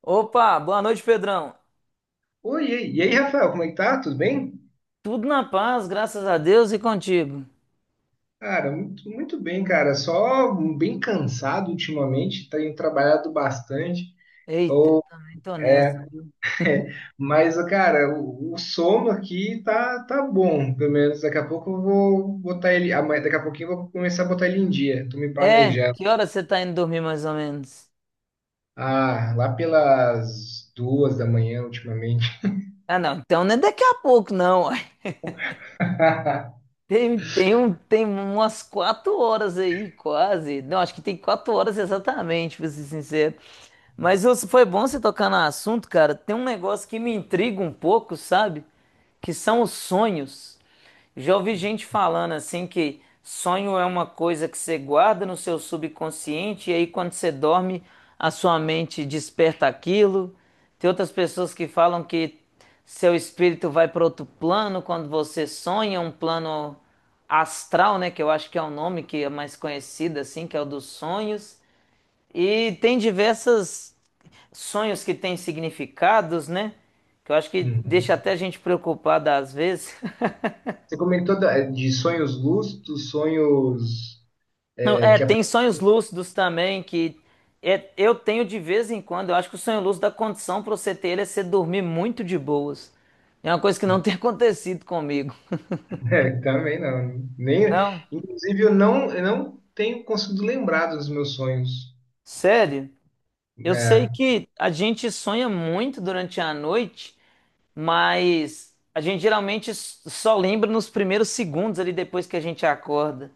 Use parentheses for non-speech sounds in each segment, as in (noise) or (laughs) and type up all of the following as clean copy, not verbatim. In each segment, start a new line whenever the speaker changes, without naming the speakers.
Opa, boa noite, Pedrão.
Oi, e aí, Rafael, como é que tá? Tudo bem?
Tudo na paz, graças a Deus e contigo.
Cara, muito, muito bem, cara. Só bem cansado ultimamente, tenho trabalhado bastante.
Eita, eu
Ou,
também tô nessa,
é,
viu?
mas, cara, o sono aqui tá bom. Pelo menos daqui a pouco eu vou botar ele. Amanhã, daqui a pouquinho eu vou começar a botar ele em dia. Tô me
É,
planejando.
que hora você tá indo dormir mais ou menos?
Ah, lá pelas duas da manhã ultimamente.
Ah, não, então não é daqui a pouco, não, uai.
(laughs)
Tem umas quatro horas aí, quase. Não, acho que tem quatro horas exatamente, pra ser sincero. Mas ô, foi bom você tocar no assunto, cara. Tem um negócio que me intriga um pouco, sabe? Que são os sonhos. Já ouvi gente falando assim que sonho é uma coisa que você guarda no seu subconsciente e aí quando você dorme, a sua mente desperta aquilo. Tem outras pessoas que falam que seu espírito vai para outro plano quando você sonha, um plano astral, né, que eu acho que é o nome que é mais conhecido assim, que é o dos sonhos. E tem diversas sonhos que têm significados, né? Que eu acho que
Uhum.
deixa até a gente preocupada às vezes. (laughs)
Você comentou de sonhos lúcidos, sonhos.
Não, é, tem sonhos lúcidos também que eu tenho de vez em quando. Eu acho que o sonho lúcido, a condição para você ter ele é você dormir muito de boas. É uma coisa que não tem (laughs) acontecido comigo.
É, também não. Nem,
Não,
inclusive, eu não tenho conseguido lembrar dos meus sonhos.
sério. Eu sei
Né?
que a gente sonha muito durante a noite, mas a gente geralmente só lembra nos primeiros segundos ali depois que a gente acorda.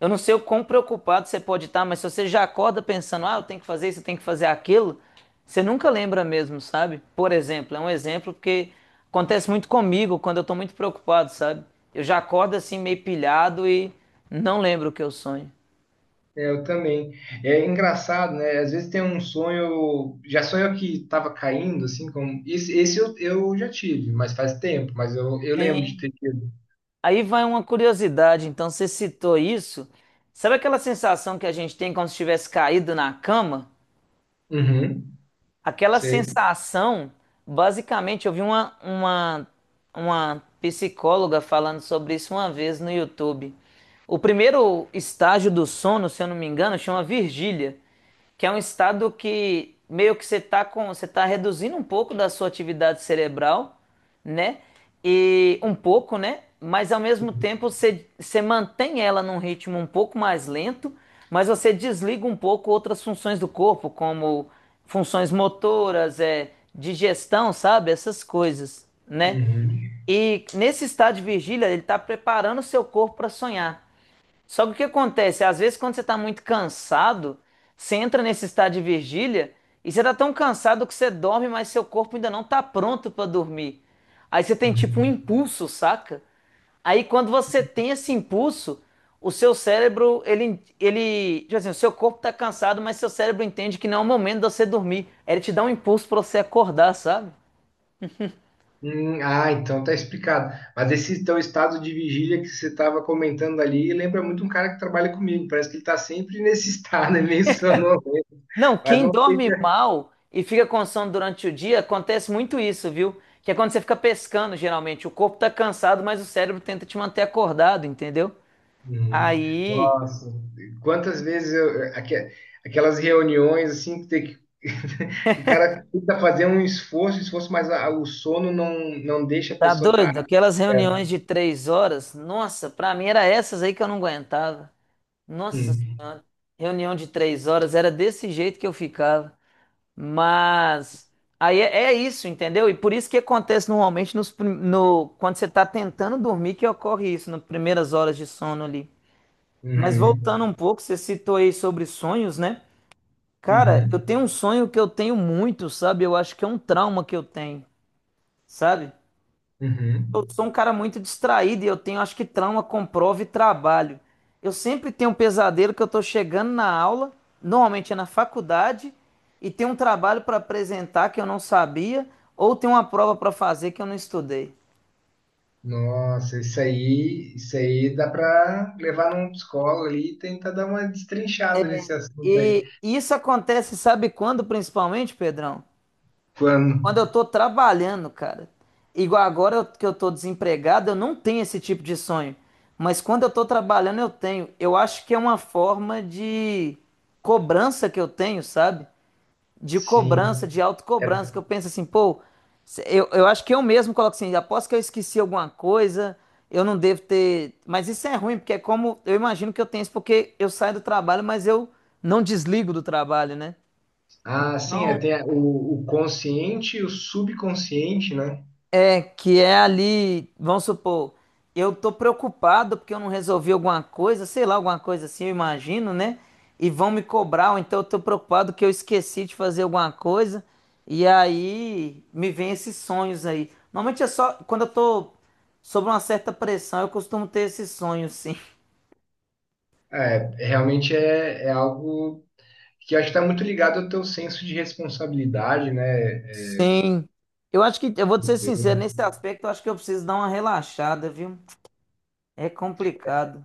Eu não sei o quão preocupado você pode estar, mas se você já acorda pensando, ah, eu tenho que fazer isso, eu tenho que fazer aquilo, você nunca lembra mesmo, sabe? Por exemplo, é um exemplo porque acontece muito comigo quando eu tô muito preocupado, sabe? Eu já acordo assim meio pilhado e não lembro o que eu sonho.
É, eu também. É engraçado, né? Às vezes tem um sonho, já sonho que estava caindo, assim, como. Esse eu já tive, mas faz tempo, mas eu lembro de
Sim.
ter tido.
Aí vai uma curiosidade, então você citou isso. Sabe aquela sensação que a gente tem quando se tivesse caído na cama?
Uhum,
Aquela
sei.
sensação, basicamente, eu vi uma, uma psicóloga falando sobre isso uma vez no YouTube. O primeiro estágio do sono, se eu não me engano, chama vigília, que é um estado que meio que você tá com, você tá reduzindo um pouco da sua atividade cerebral, né? E um pouco, né? Mas ao mesmo tempo você, você mantém ela num ritmo um pouco mais lento, mas você desliga um pouco outras funções do corpo, como funções motoras, é, digestão, sabe? Essas coisas, né?
Uhum,
E nesse estado de vigília, ele está preparando o seu corpo para sonhar. Só que o que acontece? Às vezes, quando você está muito cansado, você entra nesse estado de vigília e você está tão cansado que você dorme, mas seu corpo ainda não está pronto para dormir. Aí você tem tipo um
uhum.
impulso, saca? Aí quando você tem esse impulso, o seu cérebro, tipo assim, o seu corpo está cansado, mas seu cérebro entende que não é o momento de você dormir. Aí ele te dá um impulso para você acordar, sabe?
Ah, então tá explicado. Mas esse teu estado de vigília que você estava comentando ali lembra muito um cara que trabalha comigo. Parece que ele tá sempre nesse (laughs) estado, é meio
Não,
Mas
quem
não sei
dorme
se...
mal e fica com sono durante o dia, acontece muito isso, viu? Que é quando você fica pescando, geralmente. O corpo tá cansado, mas o cérebro tenta te manter acordado, entendeu?
Uhum.
Aí,
Nossa, quantas vezes eu, aquelas reuniões assim que tem que (laughs) o cara tenta fazer um esforço, mas o sono não deixa a
tá
pessoa estar
doido? Aquelas reuniões
certo.
de três horas, nossa, pra mim era essas aí que eu não aguentava. Nossa
Hum.
Senhora, reunião de três horas, era desse jeito que eu ficava. Mas aí é, é isso, entendeu? E por isso que acontece normalmente nos, prim- no, quando você está tentando dormir que ocorre isso, nas primeiras horas de sono ali. Mas
Uhum.
voltando um pouco, você citou aí sobre sonhos, né? Cara, eu tenho
Uhum.
um sonho que eu tenho muito, sabe? Eu acho que é um trauma que eu tenho, sabe?
Uhum.
Eu sou um cara muito distraído e eu tenho, acho que trauma com prova e trabalho. Eu sempre tenho um pesadelo que eu tô chegando na aula, normalmente é na faculdade, e tem um trabalho para apresentar que eu não sabia, ou tem uma prova para fazer que eu não estudei.
Nossa, isso aí dá para levar num psicólogo ali e tentar dar uma destrinchada nesse assunto aí.
E isso acontece, sabe quando principalmente, Pedrão?
Quando?
Quando eu tô trabalhando, cara, que eu tô desempregado, eu não tenho esse tipo de sonho. Mas quando eu tô trabalhando, eu tenho. Eu acho que é uma forma de cobrança que eu tenho, sabe? De
Sim.
cobrança, de
É-
autocobrança, que eu penso assim, pô, eu acho que eu mesmo coloco assim, aposto que eu esqueci alguma coisa, eu não devo ter. Mas isso é ruim, porque é como. Eu imagino que eu tenho isso, porque eu saio do trabalho, mas eu não desligo do trabalho, né?
ah, sim, é, tem o consciente e o subconsciente, né?
É, que é ali, vamos supor, eu tô preocupado porque eu não resolvi alguma coisa, sei lá, alguma coisa assim, eu imagino, né? E vão me cobrar, ou então eu tô preocupado que eu esqueci de fazer alguma coisa, e aí me vem esses sonhos aí. Normalmente é só quando eu tô sob uma certa pressão, eu costumo ter esses sonhos, sim.
Realmente é algo que acho que está muito ligado ao teu senso de responsabilidade, né?
Sim. Eu vou te ser sincero, nesse aspecto eu acho que eu preciso dar uma relaxada, viu? É complicado.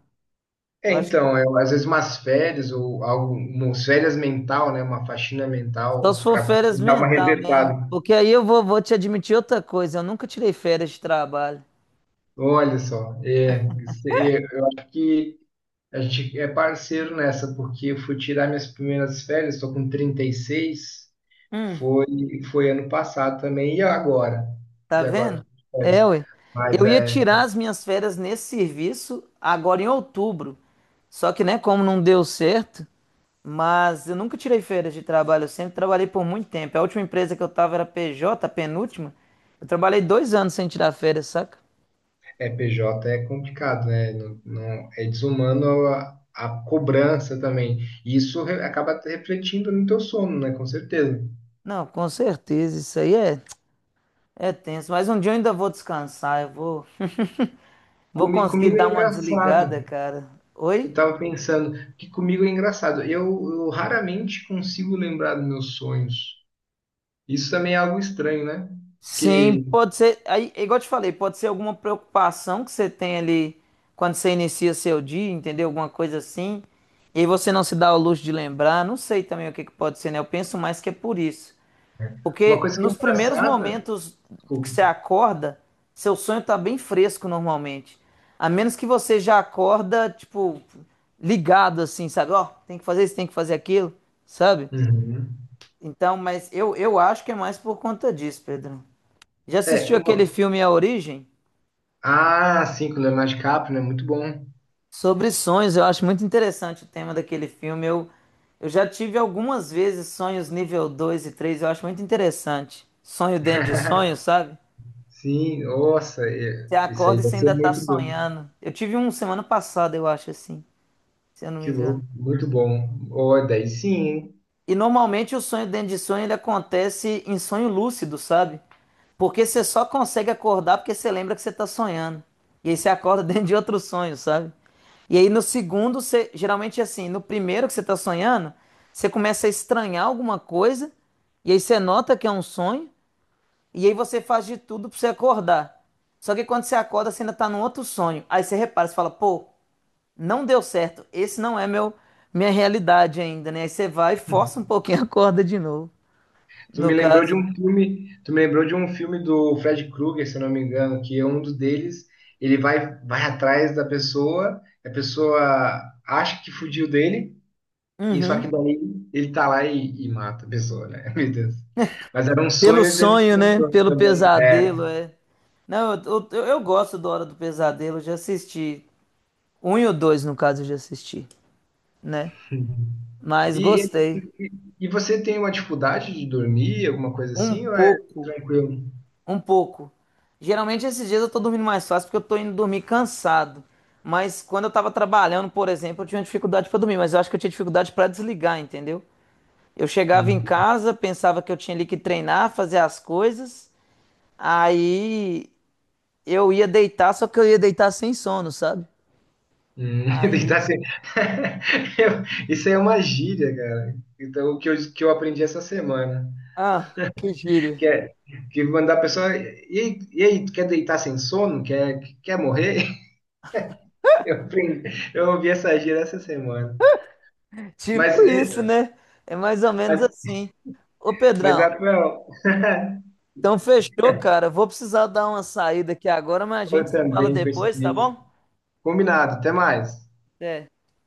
Eu
É,
acho
então, é às vezes umas férias ou algo, umas férias mental, né? Uma faxina
Só
mental
se for
para
férias
dar uma
mental mesmo.
resetada.
Porque aí vou te admitir outra coisa. Eu nunca tirei férias de trabalho.
Olha só, é, é, eu acho que a gente é parceiro nessa, porque eu fui tirar minhas primeiras férias, estou com 36
Hum,
foi, foi ano passado também, e agora?
Tá
E agora? Eu
vendo?
tô de férias.
É, ué.
Mas
Eu ia
é.
tirar as minhas férias nesse serviço agora em outubro. Só que, né, como não deu certo, mas eu nunca tirei férias de trabalho. Eu sempre trabalhei por muito tempo. A última empresa que eu tava era PJ, a penúltima. Eu trabalhei dois anos sem tirar férias, saca?
É, PJ é complicado, né? Não, é desumano a cobrança também. E isso acaba refletindo no teu sono, né? Com certeza.
Não, com certeza. Isso aí é, é tenso. Mas um dia eu ainda vou descansar. Eu vou. (laughs) Vou
Comi-
conseguir
comigo
dar
é
uma
engraçado.
desligada, cara.
Eu
Oi?
estava pensando que comigo é engraçado. Eu raramente consigo lembrar dos meus sonhos. Isso também é algo estranho, né?
Sim,
Porque
pode ser. Aí, é igual eu te falei, pode ser alguma preocupação que você tem ali quando você inicia seu dia, entendeu? Alguma coisa assim. E aí você não se dá o luxo de lembrar. Não sei também o que que pode ser, né? Eu penso mais que é por isso.
uma
Porque
coisa que é
nos primeiros
engraçada.
momentos que
Desculpa.
você acorda, seu sonho tá bem fresco normalmente. A menos que você já acorda, tipo, ligado assim, sabe? Ó, tem que fazer isso, tem que fazer aquilo, sabe?
Uhum.
Então, mas eu acho que é mais por conta disso, Pedro. Já
É,
assistiu aquele
uma...
filme A Origem?
Ah, sim, com o Leonardo DiCaprio, né? Muito bom.
Sobre sonhos, eu acho muito interessante o tema daquele filme. Eu já tive algumas vezes sonhos nível 2 e 3. Eu acho muito interessante. Sonho dentro de
(laughs)
sonho, sabe?
Sim, nossa,
Você
isso aí
acorda e
vai
você
ser
ainda tá
muito do...
sonhando. Eu tive um semana passada, eu acho assim, se eu não me
Que
engano.
louco, muito bom. Ó, daí sim, hein?
E normalmente o sonho dentro de sonho ele acontece em sonho lúcido, sabe? Porque você só consegue acordar porque você lembra que você está sonhando. E aí você acorda (laughs) dentro de outro sonho, sabe? E aí no segundo, você, geralmente assim, no primeiro que você está sonhando, você começa a estranhar alguma coisa, e aí você nota que é um sonho, e aí você faz de tudo para você acordar. Só que quando você acorda, você ainda está num outro sonho. Aí você repara, você fala, pô, não deu certo. Esse não é meu minha realidade ainda, né? Aí você vai e força um pouquinho a corda de novo, no caso.
Tu me lembrou de um filme do Fred Krueger, se eu não me engano, que é um dos deles, ele vai atrás da pessoa, a pessoa acha que fugiu dele, e só
Uhum.
que daí ele tá lá e mata a pessoa, né? (laughs) Meu Deus. Mas era um
Pelo
sonho dentro
sonho,
de um
né?
sonho
Pelo
também. É.
pesadelo, é. Não, eu gosto do Hora do Pesadelo, eu já assisti. Um e o dois, no caso, eu já assisti, né? Mas
E,
gostei.
e, e você tem uma dificuldade de dormir, alguma coisa
Um
assim, ou é
pouco,
tranquilo?
um pouco. Geralmente esses dias eu tô dormindo mais fácil porque eu tô indo dormir cansado. Mas quando eu tava trabalhando, por exemplo, eu tinha dificuldade pra dormir, mas eu acho que eu tinha dificuldade pra desligar, entendeu? Eu chegava em
Tem.
casa, pensava que eu tinha ali que treinar, fazer as coisas. Aí eu ia deitar, só que eu ia deitar sem sono, sabe?
Hum, (laughs) deitar
Aí,
sem- (laughs) Eu- Isso aí é uma gíria, cara. Então, que eu aprendi essa semana.
ah, que gíria.
Que é que mandar a pessoa. E aí, tu quer deitar sem sono? Quer, quer morrer? (laughs) Eu, aprendi, eu ouvi essa gíria essa semana.
(laughs) Tipo
Mas, é,
isso, né? É mais ou menos
mas,
assim. Ô,
mas
Pedrão,
Rafael, (laughs)
então fechou, cara. Vou precisar dar uma saída aqui agora, mas a gente
eu
se fala
também,
depois, tá
coincidência.
bom?
Combinado, até mais.
Até.